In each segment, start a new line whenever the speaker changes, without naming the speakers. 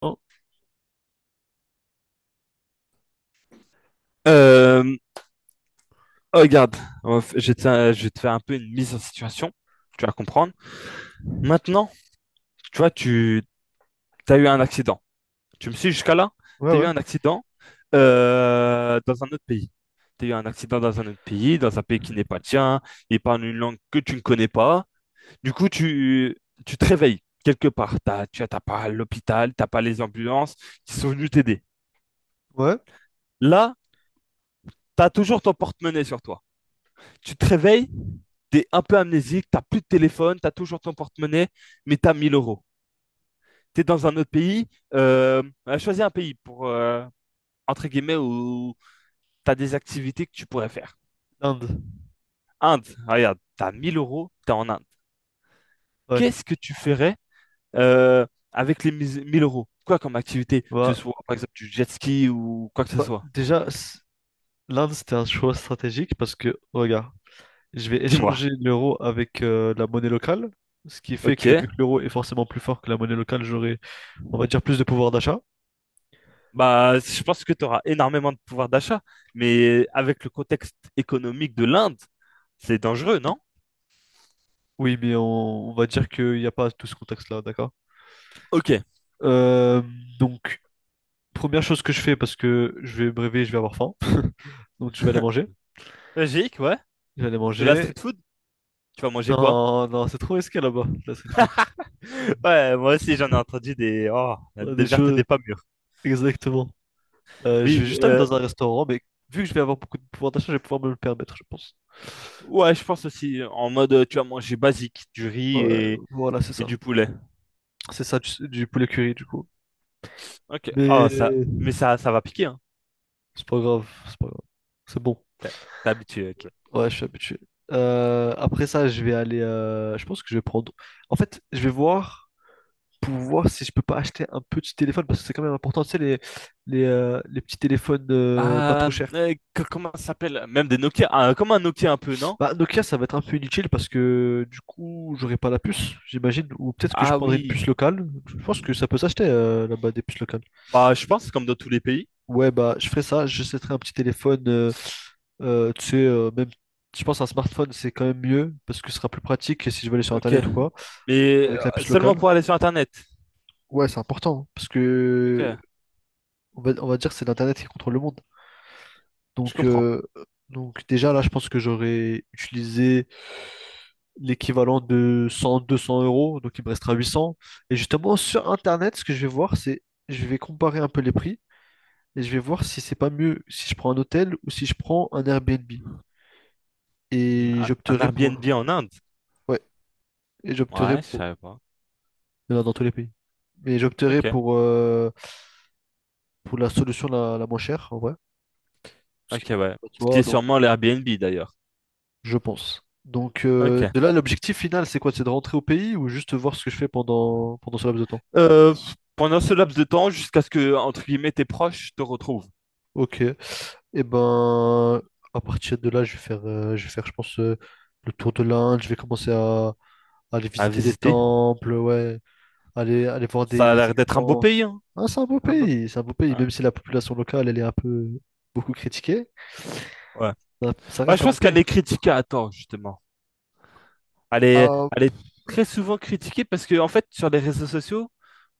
Non.
Euh, oh, regarde, je vais te faire je vais te faire un peu une mise en situation. Tu vas comprendre. Maintenant, tu vois, tu as eu un accident. Tu me suis jusqu'à là?
Ouais,
Tu as eu
ouais.
un accident dans un autre pays. Tu as eu un accident dans un autre pays, dans un pays qui n'est pas le tien, il parle une langue que tu ne connais pas. Du coup, tu te réveilles quelque part. Tu n'as pas l'hôpital, tu n'as pas les ambulances qui sont venues t'aider.
Ouais,
Là, tu as toujours ton porte-monnaie sur toi. Tu te réveilles. T'es un peu amnésique, t'as plus de téléphone, t'as toujours ton porte-monnaie, mais t'as 1000 euros. T'es dans un autre pays, euh, choisis un pays pour, entre guillemets, où t'as des activités que tu pourrais faire.
l'Inde.
Inde, regarde, t'as 1000 euros, t'es en Inde.
Ouais.
Qu'est-ce que tu ferais euh, avec les 1000 euros? Quoi comme activité? Que ce
Bah,
soit, par exemple, du jet ski ou quoi que ce
bah,
soit.
déjà, l'Inde, c'était un choix stratégique parce que, regarde, je vais
Dis-moi.
échanger l'euro avec la monnaie locale, ce qui fait
Ok.
que, vu que l'euro est forcément plus fort que la monnaie locale, j'aurai, on va dire, plus de pouvoir d'achat.
Bah, je pense que tu auras énormément de pouvoir d'achat, mais avec le contexte économique de l'Inde, c'est dangereux, non?
Oui, mais on va dire qu'il n'y a pas tout ce contexte-là, d'accord?
Ok.
Euh, donc, première chose que je fais parce que je vais me réveiller, je vais avoir faim. Donc, je vais aller manger.
Logique, ouais.
Je vais aller
De la
manger.
street food, tu vas manger quoi?
Non, non, c'est trop risqué là-bas, la street food.
Ouais, moi aussi j'en ai entendu des oh,
On a
des
des
vertes et
choses.
des pas mûres.
Exactement. Je
Mais
vais juste aller dans un restaurant, mais vu que je vais avoir beaucoup de pouvoir d'achat, je vais pouvoir me le permettre, je pense.
ouais, je pense aussi en mode tu vas manger basique, du riz
Ouais, voilà, c'est
et
ça.
du poulet.
C'est ça du poulet curry, du coup.
Ok. Oh ça,
Mais
mais ça va piquer hein.
c'est pas grave, c'est pas grave. C'est bon.
T'es t'es habitué. Ok.
Ouais, je suis habitué. Après ça, je vais aller. Je pense que je vais prendre. En fait, je vais voir pour voir si je peux pas acheter un petit téléphone parce que c'est quand même important. Tu sais, les petits téléphones pas
Ah,
trop chers.
comment ça s'appelle? Même des Nokia. Ah, comme un Nokia un peu, non?
Bah, Nokia, ça va être un peu inutile parce que du coup, j'aurai pas la puce, j'imagine. Ou peut-être que je
Ah
prendrai une
oui.
puce locale. Je pense que ça peut s'acheter là-bas des puces locales.
Bah je pense comme dans tous les pays.
Ouais, bah, je ferai ça. J'achèterai un petit téléphone, tu sais, même, je pense un smartphone, c'est quand même mieux parce que ce sera plus pratique si je veux aller sur
Ok.
Internet ou quoi,
Mais
avec la puce
seulement
locale.
pour aller sur Internet.
Ouais, c'est important hein, parce que
Ok.
on va dire que c'est l'Internet qui contrôle le monde.
Je
Donc,
comprends.
euh, donc, déjà là, je pense que j'aurais utilisé l'équivalent de 100, 200 euros, donc il me restera 800. Et justement, sur Internet, ce que je vais voir, c'est je vais comparer un peu les prix et je vais voir si c'est pas mieux si je prends un hôtel ou si je prends un Airbnb.
Mm,
Et
Un
j'opterai
Airbnb
pour.
en Inde?
Ouais, et j'opterai
Ouais, je
pour.
savais pas.
Il y en a dans tous les pays. Mais j'opterai
Ok,
pour la solution la moins chère, en vrai. Parce
ok,
que,
ouais.
tu
Ce qui
vois,
est
donc,
sûrement l'Airbnb d'ailleurs.
je pense. Donc,
Ok.
euh, de là, l'objectif final, c'est quoi? C'est de rentrer au pays ou juste voir ce que je fais pendant ce laps de temps?
Euh, pendant ce laps de temps, jusqu'à ce que, entre guillemets, tes proches te retrouvent
Ok. Et ben, à partir de là, je vais faire, je pense, le tour de l'Inde. Je vais commencer à aller
à
visiter les
visiter,
temples, ouais, aller voir des,
ça a
des
l'air d'être un beau
éléphants.
pays, hein.
Ah, c'est un beau
Un beau...
pays, c'est un beau pays,
un-
même si la population locale, elle est un peu beaucoup critiquée,
ouais.
ça
Bah,
reste
je
un beau
pense
pays.
qu'elle est critiquée à tort, justement.
Ah,
Elle est très souvent critiquée parce que, en fait, sur les réseaux sociaux,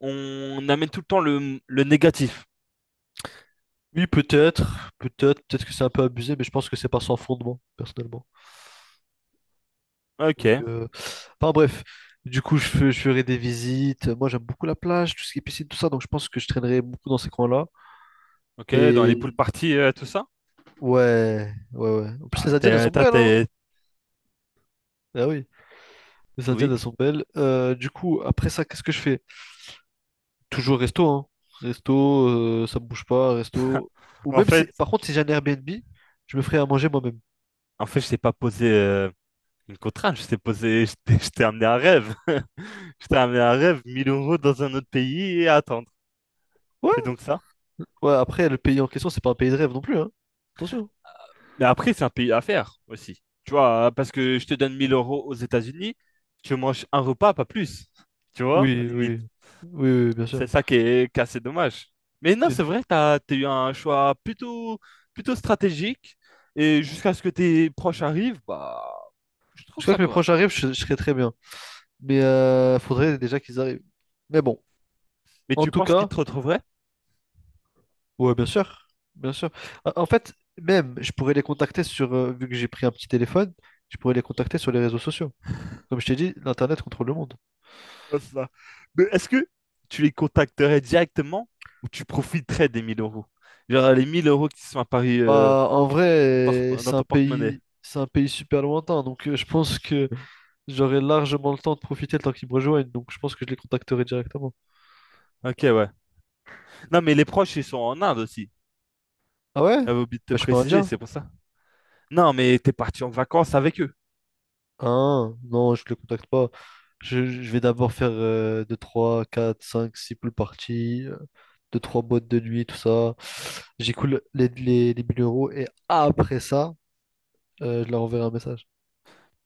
on amène tout le temps le négatif.
oui, peut-être, peut-être, peut-être que c'est un peu abusé, mais je pense que c'est pas sans fondement, personnellement. Donc,
Ok,
enfin bref, du coup, je ferai des visites. Moi, j'aime beaucoup la plage, tout ce qui est piscine, tout ça, donc je pense que je traînerai beaucoup dans ces coins-là.
ok, dans les poules
Et.
parties, tout ça.
Ouais, ouais, ouais. En plus,
Ah,
les Indiennes, elles sont
t'es, t'as-
belles, hein?
t'es-
Ah oui, les Indiennes,
oui.
elles sont belles. Du coup, après ça, qu'est-ce que je fais? Toujours resto, hein? Resto, ça me bouge pas, resto. Ou
En
même si,
fait,
par contre, si j'ai un Airbnb, je me ferai à manger moi-même.
En fait, je t'ai pas posé une contrainte, je t'ai posé, je t'ai amené un rêve. Je t'ai amené un rêve, 1000 euros dans un autre pays et à attendre. C'est
Ouais,
donc ça.
ouais, après, le pays en question, c'est pas un pays de rêve non plus, hein? Attention.
Mais après, c'est un pays à faire aussi. Tu vois, parce que je te donne 1000 euros aux États-Unis, tu manges un repas, pas plus. Tu vois, à la
Oui,
limite.
oui, oui, oui, bien sûr.
C'est ça qui est assez dommage. Mais non,
Oui.
c'est vrai, t'as eu un choix plutôt stratégique. Et jusqu'à ce que tes proches arrivent, bah, je trouve
Jusqu'à
ça
que mes proches
correct.
arrivent, je serai très bien. Mais faudrait déjà qu'ils arrivent. Mais bon,
Mais
en
tu
tout
penses qu'ils
cas.
te retrouveraient?
Ouais, bien sûr, bien sûr. En fait, même, je pourrais les contacter sur, vu que j'ai pris un petit téléphone, je pourrais les contacter sur les réseaux sociaux. Comme je t'ai dit, l'Internet contrôle le monde.
Pas ça. Mais est-ce que tu les contacterais directement ou tu profiterais des 1000 euros? Genre les 1000 euros qui sont à Paris
Bah, en vrai,
dans
c'est un
ton porte-monnaie.
pays, c'est un pays super lointain, donc je pense que j'aurai largement le temps de profiter le temps qu'ils me rejoignent, donc je pense que je les contacterai directement.
Ok, ouais. Non, mais les proches, ils sont en Inde aussi.
Ah ouais? Bah,
J'avais oublié de
je
te
suis pas
préciser,
indien.
c'est pour ça. Non, mais t'es parti en vacances avec eux.
Un, non, je le contacte pas. Je vais d'abord faire 2 3 4 5 6 pool parties, 2 3 boîtes de nuit, tout ça. J'écoule les 1 000 € et après ça, je leur enverrai un message.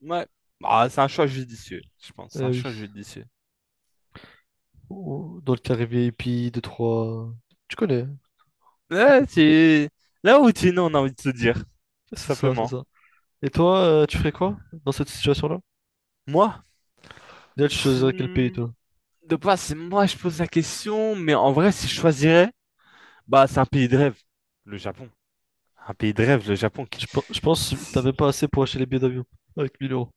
Ouais. Bah, c'est un choix judicieux, je pense. C'est
Eh
un
oui.
choix judicieux.
Dans le carré VIP, 2 trois. Tu connais, hein.
Là,
D'accord.
tu... Là où tu es, non, on a envie de se dire, tout
C'est ça, c'est
simplement.
ça. Et toi, tu ferais quoi dans cette situation-là?
Moi,
Déjà, tu
pff,
choisirais quel pays,
hmm,
toi?
de base, c'est moi, je pose la question, mais en vrai, si je choisirais, bah, c'est un pays de rêve, le Japon. Un pays de rêve, le Japon qui...
Je pense que t'as même pas assez pour acheter les billets d'avion avec 1000 euros.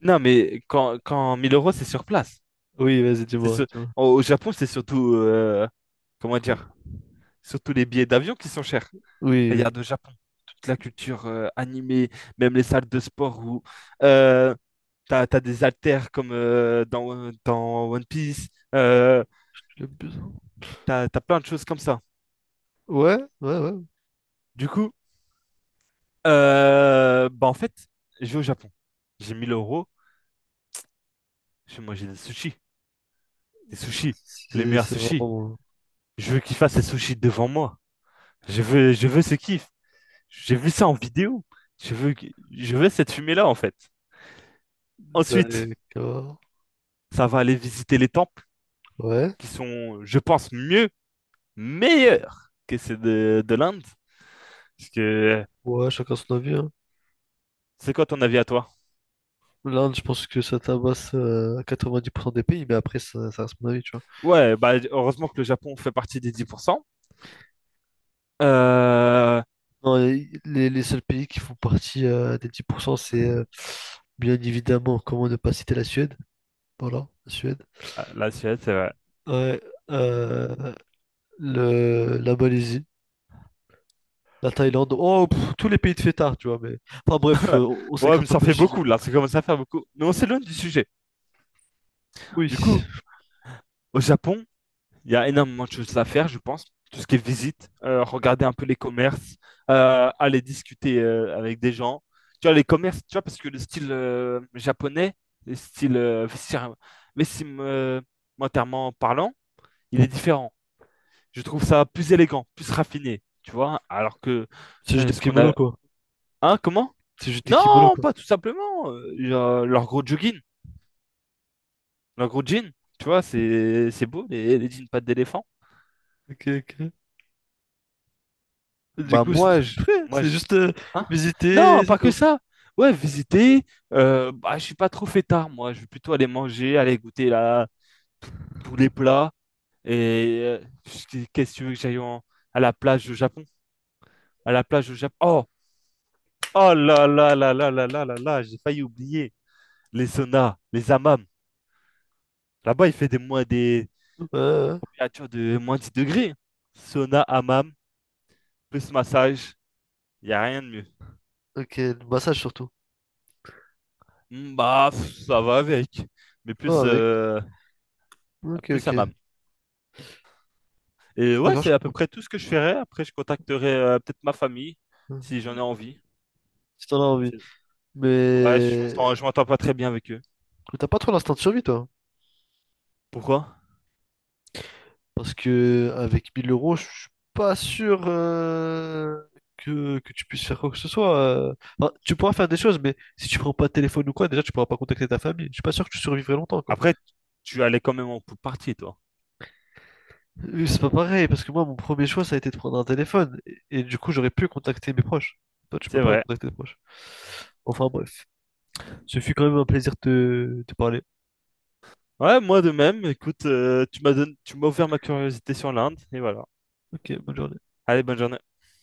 Non, mais quand 1000 euros, c'est sur place.
Oui, vas-y,
C'est
dis-moi,
sur-
dis-moi.
Au Japon, c'est surtout, comment dire, surtout les billets d'avion qui sont chers.
Oui, oui,
Regarde au Japon, toute la culture animée, même les salles de sport où euh, t'as des haltères comme dans One Piece, euh,
j'ai besoin.
t'as plein de choses comme ça.
Ouais, ouais, ouais.
Du coup, bah en fait, je vais au Japon. J'ai 1000 euros, je vais manger des sushis. Des sushis, les
C'est
meilleurs
c'est
sushis.
vraiment.
Je veux qu'il fasse ses sushis devant moi. Je veux ce kiff. J'ai vu ça en vidéo. Je veux cette fumée-là, en fait. Ensuite,
D'accord.
ça va aller visiter les temples
Ouais.
qui sont, je pense, meilleurs que ceux de l'Inde. Parce que
Ouais, chacun son avis, hein.
c'est quoi ton avis à toi?
L'Inde, je pense que ça tabasse à 90% des pays, mais après, ça reste mon avis, tu vois.
Ouais, bah, heureusement que le Japon fait partie des 10%. Euh,
Non, les seuls pays qui font partie des 10% c'est bien évidemment, comment ne pas citer la Suède. Voilà, la Suède.
ah, la Suède, c'est vrai.
Ouais, euh, la Malaisie, la Thaïlande. Oh, pff, tous les pays de fêtards, tu vois, mais. Enfin bref, on
Ouais, mais
s'écarte un
ça
peu
fait
du sujet.
beaucoup, là. Ça commence à faire beaucoup. Mais on s'éloigne du sujet.
Oui,
Du coup,
c'est
au Japon, il y a énormément de choses à faire, je pense. Tout ce qui est visite, regarder un peu les commerces, aller discuter avec des gens. Tu vois, les commerces, tu vois, parce que le style japonais, le style vestimentairement parlant, il est différent. Je trouve ça plus élégant, plus raffiné, tu vois, alors que
juste des
ce qu'on
kimonos,
a...
quoi.
Hein, comment?
C'est juste des kimonos,
Non,
quoi.
pas tout simplement. Euh, genre, leur gros jogging, leur gros jean, tu vois, c'est beau, les jeans pattes d'éléphant.
Ok, ok. Et. Du
Bah
coup, c'est tout
moi,
ce que
je,
tu fais.
moi
C'est
je-
juste
hein? Non,
visiter, c'est
pas que
tout.
ça. Ouais, visiter. Euh, bah je suis pas trop fêtard moi. Je vais plutôt aller manger, aller goûter là tout- tous les plats. Et qu'est-ce que tu veux que à la plage au Japon? À la plage au Japon. Oh, oh là là là là là là là là. J'ai failli oublier les saunas, les hammams. Là-bas, il fait
Ouais,
des
ouais.
températures de -10 degrés. Sauna, hammam, plus massage. Il y a rien de mieux.
Ok, le massage surtout.
Hmm, bah, pff, ça va avec, mais
Oh,
plus,
avec.
euh,
Ok,
plus à
ok.
Mam. Et ouais,
D'accord, je.
c'est à peu près tout ce que je ferai. Après, je contacterai peut-être ma famille si j'en ai envie.
Si t'en as envie.
C'est- Ouais,
Mais
je m'entends pas très bien avec eux.
t'as pas trop l'instinct de survie, toi.
Pourquoi?
Parce que avec mille euros, je suis pas sûr que tu puisses faire quoi que ce soit. Enfin, tu pourras faire des choses, mais si tu prends pas de téléphone ou quoi, déjà, tu pourras pas contacter ta famille. Je suis pas sûr que tu survivrais longtemps, quoi.
Après, tu allais quand même en pool party, toi.
C'est pas pareil, parce que moi, mon premier choix, ça a été de prendre un téléphone. Et du coup, j'aurais pu contacter mes proches. Toi, tu peux
C'est
pas
vrai.
contacter tes proches. Enfin, bref. Ce fut quand même un plaisir de te parler.
Ouais, moi de même. Écoute, tu m'as ouvert ma curiosité sur l'Inde, et voilà.
Ok, bonne journée.
Allez, bonne journée.